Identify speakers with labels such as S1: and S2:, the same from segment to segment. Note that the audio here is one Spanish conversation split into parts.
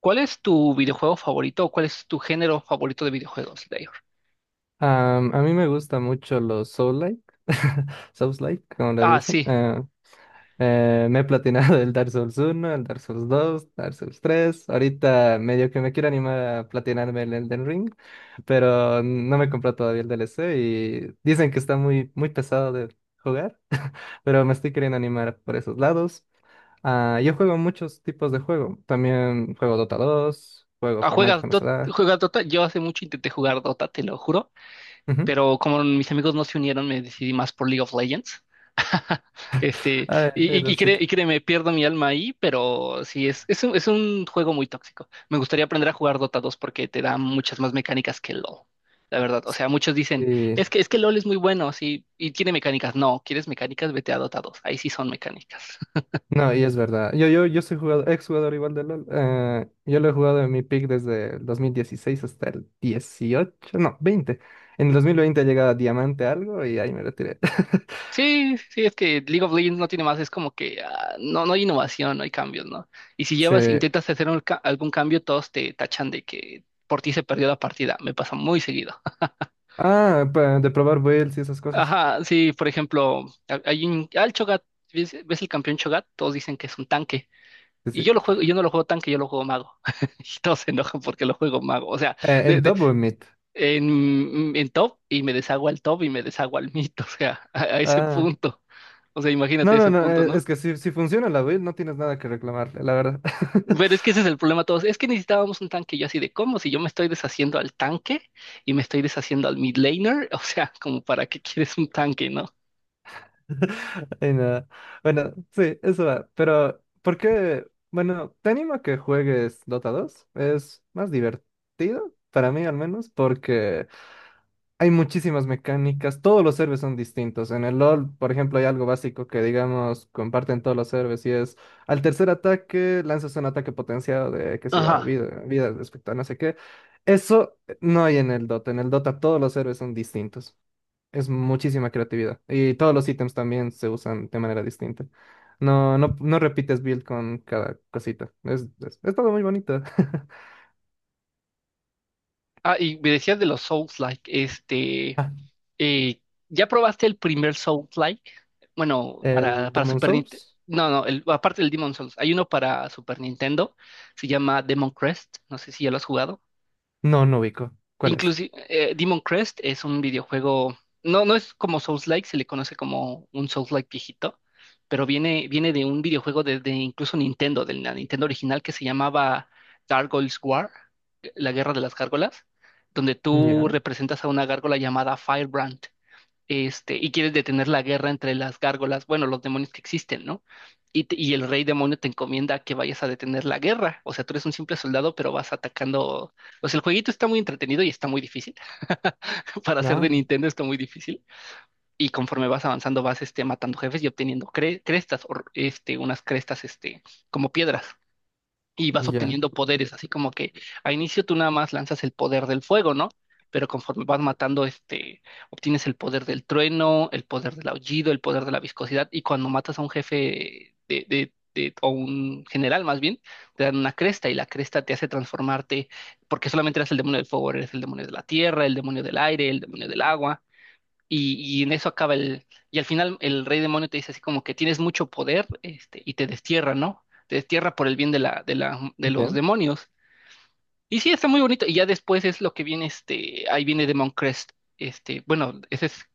S1: ¿Cuál es tu videojuego favorito o cuál es tu género favorito de videojuegos, Layor?
S2: A mí me gustan mucho los Soul-like, Souls-like, como le
S1: Ah,
S2: dicen.
S1: sí.
S2: Me he platinado el Dark Souls uno, el Dark Souls dos, Dark Souls tres. Ahorita medio que me quiero animar a platinarme el Elden Ring, pero no me compró todavía el DLC y dicen que está muy, muy pesado de jugar, pero me estoy queriendo animar por esos lados. Ah, yo juego muchos tipos de juego. También juego Dota dos, juego
S1: Ah,
S2: Fortnite
S1: ¿juegas
S2: cuando se
S1: Dota?
S2: da.
S1: ¿Juegas Dota? Yo hace mucho intenté jugar Dota, te lo juro,
S2: Ujú.
S1: pero como mis amigos no se unieron, me decidí más por League of Legends. Este,
S2: Ay,
S1: y, y,
S2: el
S1: y cre-
S2: LOLcito.
S1: y créeme, pierdo mi alma ahí, pero sí, es un juego muy tóxico. Me gustaría aprender a jugar Dota 2 porque te da muchas más mecánicas que LoL, la verdad. O sea, muchos dicen, es que LoL es muy bueno, sí, y tiene mecánicas. No, ¿quieres mecánicas? Vete a Dota 2, ahí sí son mecánicas.
S2: No, y es verdad. Yo soy jugador, ex jugador igual de LOL. Yo lo he jugado en mi pick desde el 2016 hasta el 18. No, 20. En el 2020 llegaba Diamante algo y ahí me retiré.
S1: Sí, sí, es que League of Legends no tiene más, es como que ah, no, no hay innovación, no hay cambios, ¿no? Y si
S2: Sí.
S1: llevas, intentas hacer un algún cambio, todos te tachan de que por ti se perdió la partida. Me pasa muy seguido.
S2: Ah, pa- de probar builds y esas cosas.
S1: Ajá, sí, por ejemplo, hay un, al Cho'Gath, ¿ves, ves el campeón Cho'Gath? Todos dicen que es un tanque.
S2: Sí,
S1: Y
S2: sí.
S1: yo lo juego, yo no lo juego tanque, yo lo juego mago. Y todos se enojan porque lo juego mago. O sea, de-
S2: ¿En
S1: de-
S2: top o en mid?
S1: en top y me deshago al top y me deshago al mid. O sea, a ese
S2: Ah.
S1: punto. O sea, imagínate
S2: No, no,
S1: ese
S2: no,
S1: punto, ¿no?
S2: es que si funciona la build no tienes nada que reclamarle, la verdad.
S1: Pero es que ese es el problema todos. Es que necesitábamos un tanque. Yo así de cómo, si yo me estoy deshaciendo al tanque y me estoy deshaciendo al mid laner, o sea, como para qué quieres un tanque, ¿no?
S2: Ay, no. Bueno, sí, eso va. Pero, ¿por qué? Bueno, te animo a que juegues Dota dos. Es más divertido, para mí al menos, porque hay muchísimas mecánicas. Todos los servers son distintos. En el LoL, por ejemplo, hay algo básico que, digamos, comparten todos los servers y es al tercer ataque lanzas un ataque potenciado de, qué sé yo,
S1: Ajá.
S2: vida, vida respecto a no sé qué. Eso no hay en el Dota. En el Dota todos los servers son distintos. Es muchísima creatividad. Y todos los ítems también se usan de manera distinta. No, repites build con cada cosita. Es todo muy bonito.
S1: Ah, y me decías de los Souls-like,
S2: Ah,
S1: eh, ¿ya probaste el primer Souls-like? Bueno,
S2: ¿el
S1: para
S2: Demon
S1: Super Nintendo.
S2: Souls?
S1: No, no, aparte del Demon Souls, hay uno para Super Nintendo, se llama Demon Crest, no sé si ya lo has jugado.
S2: No, no ubico. ¿Cuál es?
S1: Inclusive, Demon Crest es un videojuego, no, no es como Souls-like, se le conoce como un Souls-like viejito, pero viene de un videojuego de incluso Nintendo, de la Nintendo original que se llamaba Gargoyles War, la guerra de las gárgolas, donde tú
S2: Ya,
S1: representas a una gárgola llamada Firebrand. Y quieres detener la guerra entre las gárgolas, bueno, los demonios que existen, ¿no? Y, y el rey demonio te encomienda que vayas a detener la guerra. O sea, tú eres un simple soldado, pero vas atacando. O sea, el jueguito está muy entretenido y está muy difícil. Para ser de
S2: ah,
S1: Nintendo está muy difícil. Y conforme vas avanzando, vas matando jefes y obteniendo crestas, o, unas crestas, como piedras, y vas
S2: ya,
S1: obteniendo poderes, así como que a inicio tú nada más lanzas el poder del fuego, ¿no? Pero conforme vas matando, obtienes el poder del trueno, el poder del aullido, el poder de la viscosidad, y cuando matas a un jefe o un general más bien, te dan una cresta, y la cresta te hace transformarte, porque solamente eras el demonio del fuego, ahora eres el demonio de la tierra, el demonio del aire, el demonio del agua, y en eso acaba el... Y al final el rey demonio te dice así como que tienes mucho poder, y te destierra, ¿no? Te destierra por el bien de de los
S2: ya,
S1: demonios. Y sí, está muy bonito. Y ya después es lo que viene, ahí viene Demon Crest. Ese es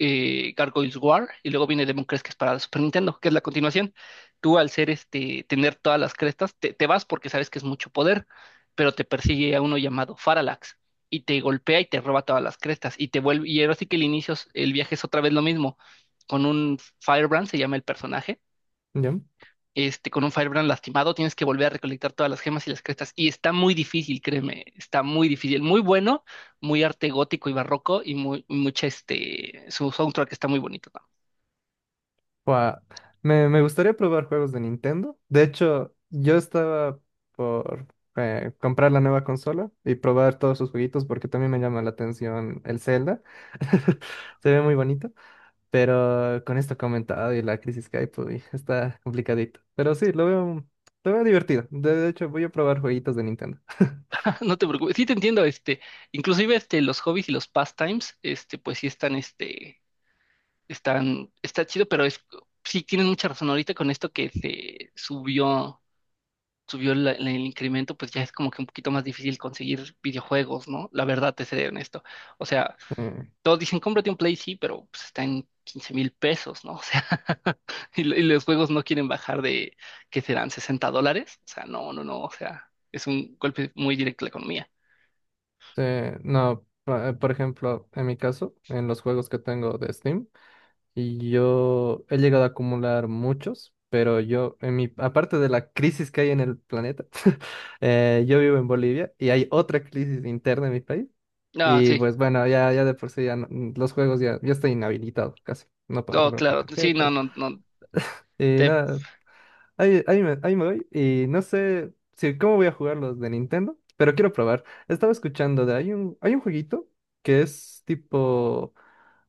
S1: Gargoyles War, y luego viene Demon Crest, que es para la Super Nintendo, que es la continuación. Tú al ser tener todas las crestas, te vas porque sabes que es mucho poder, pero te persigue a uno llamado Faralax, y te golpea y te roba todas las crestas, y te vuelve, y ahora sí que el inicio, el viaje es otra vez lo mismo, con un Firebrand, se llama el personaje.
S2: ya.
S1: Este, con un Firebrand lastimado, tienes que volver a recolectar todas las gemas y las crestas. Y está muy difícil, créeme, está muy difícil. Muy bueno, muy arte gótico y barroco y muy, mucha, su soundtrack está muy bonito. No.
S2: Buah, me gustaría probar juegos de Nintendo. De hecho, yo estaba por comprar la nueva consola y probar todos sus jueguitos porque también me llama la atención el Zelda. Se ve muy bonito. Pero con esto comentado y la crisis que hay, pues uy, está complicadito. Pero sí, lo veo divertido. De hecho, voy a probar jueguitos de Nintendo.
S1: No te preocupes, sí te entiendo, inclusive, los hobbies y los pastimes, pues sí están, está chido, pero es, sí tienen mucha razón ahorita con esto que se subió. Subió el incremento, pues ya es como que un poquito más difícil conseguir videojuegos, ¿no? La verdad, te seré honesto. O sea,
S2: Eh,
S1: todos dicen, cómprate un Play, sí, pero pues, está en 15.000 pesos, ¿no? O sea, y, y los juegos no quieren bajar de, ¿qué serán? ¿60 dólares? O sea, no, no, no, o sea, es un golpe muy directo a la economía.
S2: sí, no, pa- por ejemplo, en mi caso, en los juegos que tengo de Steam, y yo he llegado a acumular muchos, pero yo, en mi, aparte de la crisis que hay en el planeta, yo vivo en Bolivia y hay otra crisis interna en mi país.
S1: Ah,
S2: Y
S1: sí,
S2: pues bueno, ya de por sí ya no- los juegos ya estoy inhabilitado casi. No puedo
S1: oh,
S2: comprar por
S1: claro, sí, no,
S2: tarjetas.
S1: no, no. te-
S2: Nada, ahí me voy. Y no sé si cómo voy a jugar los de Nintendo, pero quiero probar. Estaba escuchando de hay un jueguito que es tipo,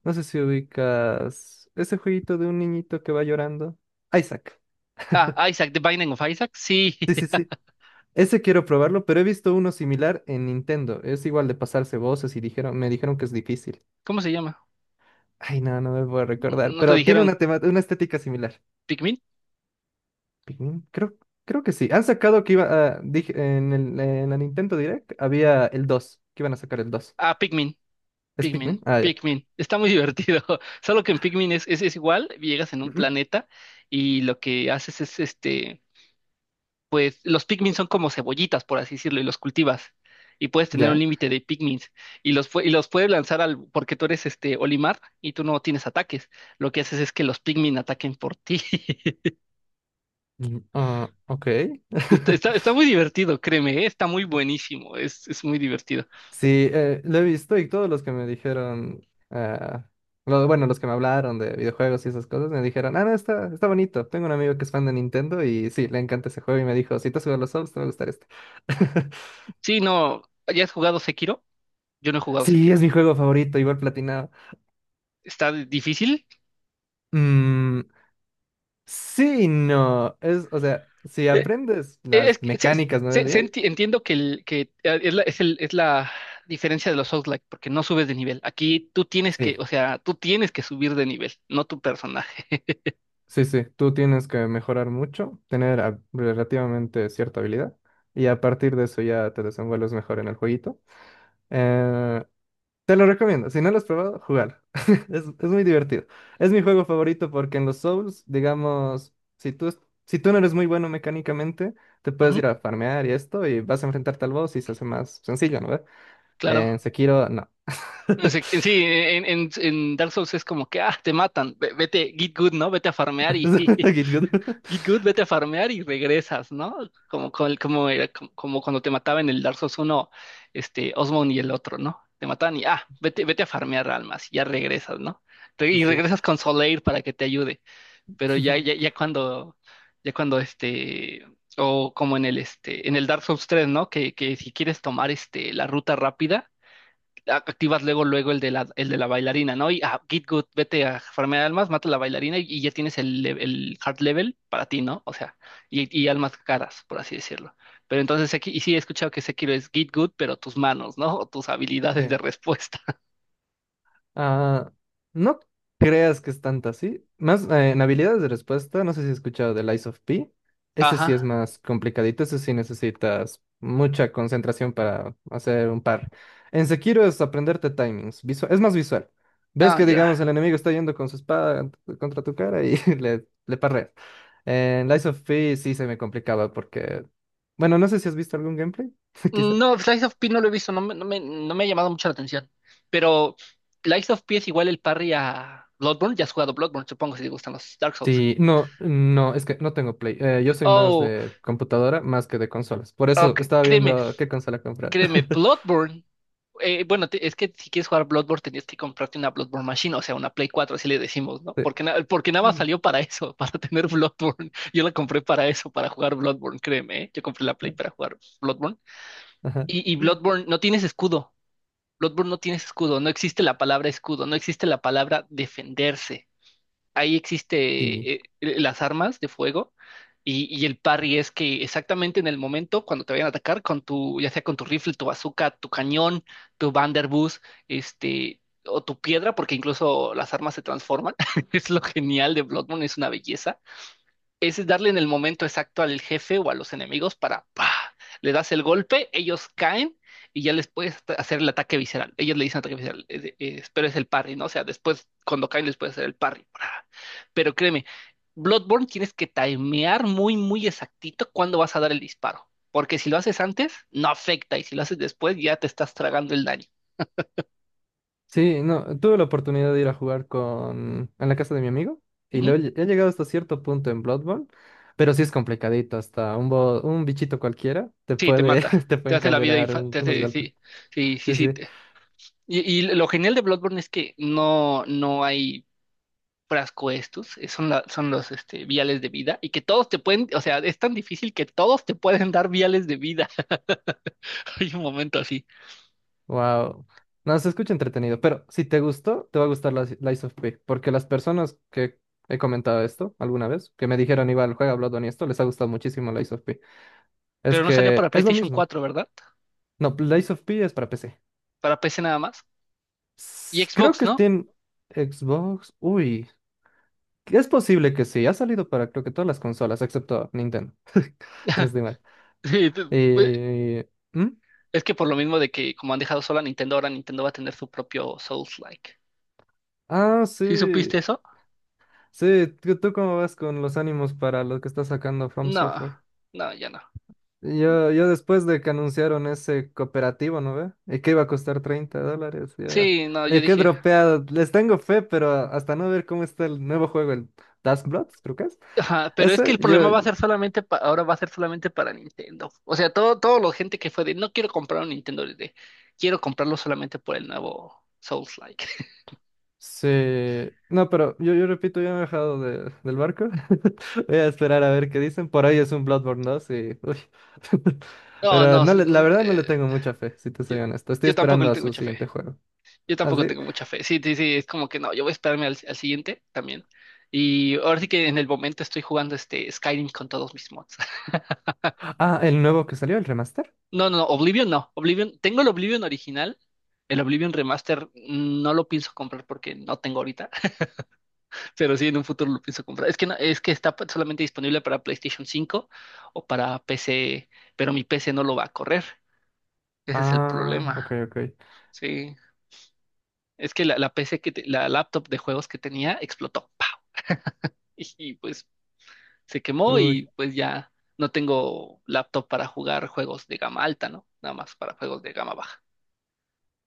S2: no sé si ubicas ese jueguito de un niñito que va llorando. Isaac.
S1: Isaac, The Binding of Isaac, sí.
S2: Sí, sí, sí. Ese quiero probarlo, pero he visto uno similar en Nintendo. Es igual de pasarse voces y dijeron, me dijeron que es difícil.
S1: ¿Cómo se llama?
S2: Ay, no, no me puedo recordar,
S1: ¿No te
S2: pero tiene
S1: dijeron
S2: una tema, una estética similar.
S1: Pikmin?
S2: Pikmin, creo, creo que sí. Han sacado que iba a, dije, en el, en la Nintendo Direct había el 2 que iban a sacar el dos.
S1: Ah, Pikmin,
S2: ¿Es Pikmin? Ah, ya.
S1: Pikmin. Está muy divertido. Solo que en Pikmin es igual, llegas en un
S2: Ujú.
S1: planeta y lo que haces es pues los Pikmin son como cebollitas, por así decirlo, y los cultivas. Y puedes tener un
S2: Ya.
S1: límite de Pikmins. Y los puedes lanzar al, porque tú eres este Olimar y tú no tienes ataques. Lo que haces es que los Pikmin ataquen por ti.
S2: Mm, ah, ok.
S1: Está muy divertido, créeme, ¿eh? Está muy buenísimo. Es muy divertido.
S2: Sí, lo he visto y todos los que me dijeron, ah, lo- bueno, los que me hablaron de videojuegos y esas cosas, me dijeron, ah, no, está, está bonito. Tengo un amigo que es fan de Nintendo y sí, le encanta ese juego y me dijo, si te has jugado los Souls, te va a gustar este.
S1: Sí, no, ¿ya has jugado Sekiro? Yo no he jugado
S2: Sí,
S1: Sekiro.
S2: es mi juego favorito, igual platinado.
S1: ¿Está difícil?
S2: Mm, sí, y no. Es, o sea, si aprendes
S1: Es
S2: las
S1: que
S2: mecánicas, ¿no? Bien.
S1: entiendo que es la diferencia de los Souls-like, porque no subes de nivel. Aquí tú tienes que,
S2: Sí,
S1: o sea, tú tienes que subir de nivel, no tu personaje.
S2: sí, sí. Tú tienes que mejorar mucho, tener a- relativamente cierta habilidad y a partir de eso ya te desenvuelves mejor en el jueguito. Eh, te lo recomiendo. Si no lo has probado, jugar. Es muy divertido. Es mi juego favorito porque en los Souls, digamos, si tú, es- si tú no eres muy bueno mecánicamente, te puedes
S1: Ujú,
S2: ir a farmear y esto y vas a enfrentarte al boss y se hace más sencillo, ¿no? ¿Ve?
S1: claro.
S2: En Sekiro, no.
S1: En se- en Sí, en Dark Souls es como que, ah, te matan, vete, get good, ¿no? Vete a farmear y
S2: Kid Good.
S1: Git Good, vete a farmear y regresas, ¿no? Como cuando te mataba en el Dark Souls 1, Osmond y el otro, ¿no? Te mataban y, ah, vete a farmear almas y ya regresas, ¿no? Re- Y
S2: Sí.
S1: regresas con Soleil para que te ayude, pero ya cuando o como en el Dark Souls 3, ¿no? Que si quieres tomar, la ruta rápida, activas luego el el de la bailarina, ¿no? Y ah, Git Good, vete a farmear almas, mata a la bailarina y ya tienes el, el hard level para ti, ¿no? O sea, y almas caras, por así decirlo. Pero entonces aquí, y sí he escuchado que Sekiro es Git Good, pero tus manos, ¿no? O tus habilidades
S2: Sí.
S1: de respuesta.
S2: Ah, no creas que es tanta así. Más en habilidades de respuesta, no sé si has escuchado del Lies of P. Ese sí es
S1: Ajá.
S2: más complicadito, ese sí necesitas mucha concentración para hacer un par. En Sekiro es aprenderte timings, visual, es más visual. Ves
S1: No,
S2: que,
S1: ya.
S2: digamos, el enemigo está yendo con su espada t- contra tu cara y le parreas. En Lies of P sí se me complicaba porque... Bueno, no sé si has visto algún gameplay, quizá.
S1: No, Slice of P no lo he visto, no me, no me ha llamado mucho la atención. Pero Slice of P es igual el parry a Bloodborne, ya has jugado Bloodborne, supongo si te gustan los Dark Souls.
S2: Sí, no, no, es que no tengo Play. Yo soy más
S1: Oh,
S2: de computadora más que de consolas. Por eso
S1: ok,
S2: estaba
S1: créeme,
S2: viendo qué consola comprar.
S1: créeme, Bloodborne. Es que si quieres jugar Bloodborne tenías que comprarte una Bloodborne Machine, o sea, una Play 4 así le decimos, ¿no? Porque, porque nada más
S2: Sí.
S1: salió para eso, para tener Bloodborne. Yo la compré para eso, para jugar Bloodborne, créeme, ¿eh? Yo compré la Play para jugar Bloodborne.
S2: Ajá.
S1: Y Bloodborne, no tienes escudo. Bloodborne no tienes escudo, no existe la palabra escudo, no existe la palabra defenderse, ahí
S2: Sí.
S1: existe las armas de fuego, y el parry es que exactamente en el momento cuando te vayan a atacar con tu, ya sea con tu rifle, tu bazooka, tu cañón, tu Vanderbuss, este, o tu piedra, porque incluso las armas se transforman. Es lo genial de Bloodborne, es una belleza, es darle en el momento exacto al jefe o a los enemigos para, ¡pah! Le das el golpe, ellos caen y ya les puedes hacer el ataque visceral. Ellos le dicen ataque visceral, pero es el parry, ¿no? O sea, después, cuando caen, les puedes hacer el parry. ¡Pra! Pero créeme, Bloodborne tienes que timear muy, muy exactito cuándo vas a dar el disparo. Porque si lo haces antes, no afecta. Y si lo haces después, ya te estás tragando el daño.
S2: Sí, no, tuve la oportunidad de ir a jugar con en la casa de mi amigo y lo
S1: Ujú.
S2: he, lle- he llegado hasta cierto punto en Bloodborne, pero sí es complicadito, hasta un bo- un bichito cualquiera te
S1: Sí, te
S2: puede
S1: mata.
S2: te puede
S1: Te hace la vida
S2: encadenar un- unos golpes.
S1: sí, sí, sí,
S2: Sí,
S1: sí.
S2: sí.
S1: Y lo genial de Bloodborne es que no, no hay frasco estos, son, son los viales de vida y que todos te pueden, o sea, es tan difícil que todos te pueden dar viales de vida. Hay un momento así.
S2: Wow. No, se escucha entretenido, pero si te gustó, te va a gustar la si, Lies of P, porque las personas que he comentado esto alguna vez, que me dijeron, igual, juega Bloodborne y esto, les ha gustado muchísimo Lies of P. Es
S1: Pero no salió
S2: que
S1: para
S2: es lo
S1: PlayStation
S2: mismo.
S1: 4, ¿verdad?
S2: No, Lies of P es para PC.
S1: Para PC nada más. Y
S2: S- Creo
S1: Xbox,
S2: que
S1: ¿no?
S2: tiene Xbox. Uy, es posible que sí. Ha salido para creo que todas las consolas, excepto Nintendo. ¿Tienes no estoy mal?
S1: Sí, pues,
S2: ¿Hmm?
S1: es que por lo mismo de que como han dejado sola a Nintendo, ahora Nintendo va a tener su propio Souls-like.
S2: Ah,
S1: ¿Sí
S2: sí.
S1: supiste eso?
S2: Sí, ¿tú, tú cómo vas con los ánimos para lo que está sacando From
S1: No,
S2: Software?
S1: no, ya no.
S2: Yo después de que anunciaron ese cooperativo, ¿no ve? Y que iba a costar $30, ya.
S1: Sí, no, yo
S2: Oye, qué
S1: dije,
S2: dropeado. Les tengo fe, pero hasta no ver cómo está el nuevo juego, el Task Bloods, creo que es.
S1: ajá, pero es que
S2: Ese,
S1: el
S2: yo,
S1: problema va a ser solamente ahora va a ser solamente para Nintendo. O sea, todo la gente que fue de no quiero comprar un Nintendo de quiero comprarlo solamente por el nuevo Souls-like.
S2: sí. No, pero yo repito, ya me he bajado de- del barco. Voy a esperar a ver qué dicen. Por ahí es un Bloodborne 2 y... uy.
S1: No,
S2: Pero
S1: no,
S2: no le- la verdad no le tengo mucha fe, si te
S1: yo,
S2: soy honesto. Estoy
S1: yo tampoco le
S2: esperando a
S1: tengo
S2: su
S1: mucha fe.
S2: siguiente juego.
S1: Yo tampoco
S2: Así.
S1: tengo mucha fe. Sí, sí, sí, es como que no, yo voy a esperarme al siguiente también. Y ahora sí que en el momento estoy jugando este Skyrim con todos mis mods.
S2: Ah, sí. Ah, el nuevo que salió, el remaster.
S1: No, no, no, Oblivion no. Oblivion, tengo el Oblivion original. El Oblivion Remaster mm, no lo pienso comprar porque no tengo ahorita. Pero sí, en un futuro lo pienso comprar. Es que es que está solamente disponible para PlayStation 5 o para PC, pero mi PC no lo va a correr. Ese es el
S2: Ah,
S1: problema.
S2: ok, ok.
S1: Sí. Es que la PC que la laptop de juegos que tenía explotó. ¡Pau! Y, y, pues se quemó
S2: Uy,
S1: y pues ya no tengo laptop para jugar juegos de gama alta, ¿no? Nada más para juegos de gama baja.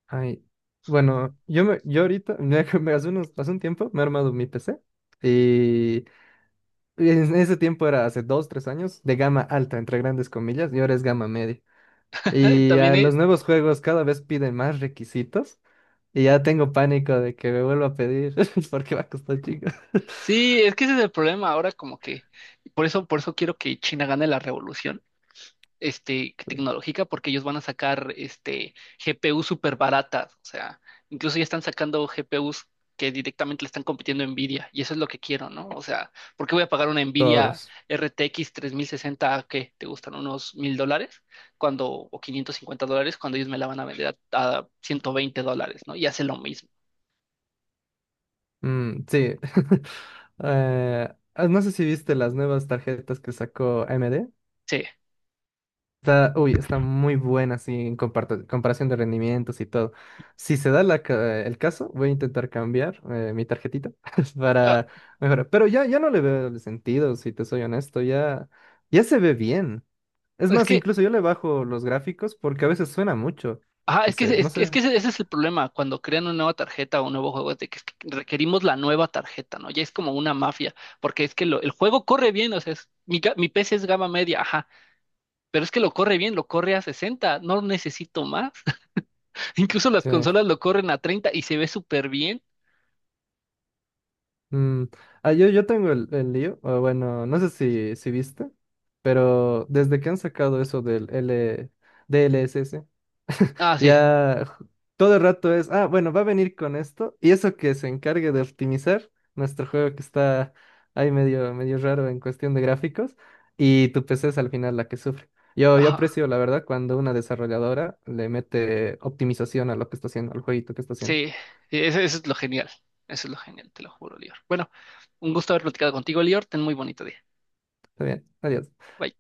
S2: ay. Bueno, yo me, yo ahorita, me, me- hace unos, hace un tiempo me he armado mi PC y en ese tiempo era hace dos, tres años de gama alta, entre grandes comillas, y ahora es gama media. Y
S1: También
S2: a los nuevos juegos cada vez piden más requisitos y ya tengo pánico de que me vuelva a pedir porque va a costar chico.
S1: sí, es que ese es el problema ahora como que por eso, por eso quiero que China gane la revolución tecnológica porque ellos van a sacar GPU súper baratas. O sea, incluso ya están sacando GPUs que directamente le están compitiendo a Nvidia, y eso es lo que quiero, ¿no? O sea, ¿por qué voy a pagar una Nvidia
S2: Todos.
S1: RTX 60 que te gustan unos 1.000 dólares cuando, o 550 dólares cuando ellos me la van a vender a 120 dólares, ¿no? Y hace lo mismo.
S2: Mm, sí. Ah, no sé si viste las nuevas tarjetas que sacó AMD.
S1: Sí.
S2: Está, uy, está muy buena, así en comparto- comparación de rendimientos y todo. Si se da la ca- el caso, voy a intentar cambiar mi tarjetita
S1: Ah,
S2: para mejorar. Pero ya, ya no le veo el sentido, si te soy honesto, ya, ya se ve bien. Es
S1: es
S2: más,
S1: que
S2: incluso yo le bajo los gráficos porque a veces suena mucho.
S1: Ajá,
S2: Y se, no
S1: es
S2: sé,
S1: que ese es el problema cuando crean una nueva tarjeta o un nuevo juego, es de que es que requerimos la nueva tarjeta, ¿no? Ya es como una mafia, porque es que el juego corre bien, o sea, mi PC es gama media, ajá, pero es que lo corre bien, lo corre a 60, no necesito más. Incluso las
S2: sí
S1: consolas lo corren a 30 y se ve súper bien.
S2: mm, ah, yo tengo el lío, o bueno, no sé si, si viste, pero desde que han sacado eso del L, DLSS.
S1: Ah, sí,
S2: Ya ju- todo el rato es, ah, bueno, va a venir con esto y eso que se encargue de optimizar nuestro juego que está ahí medio, medio raro en cuestión de gráficos y tu PC es al final la que sufre. Yo
S1: ajá,
S2: aprecio, la verdad, cuando una desarrolladora le mete optimización a lo que está haciendo, al jueguito que está haciendo.
S1: sí, sí, eso es lo genial, eso es lo genial, te lo juro, Lior. Bueno, un gusto haber platicado contigo, Lior, ten muy bonito día.
S2: Está bien, adiós.
S1: Bye.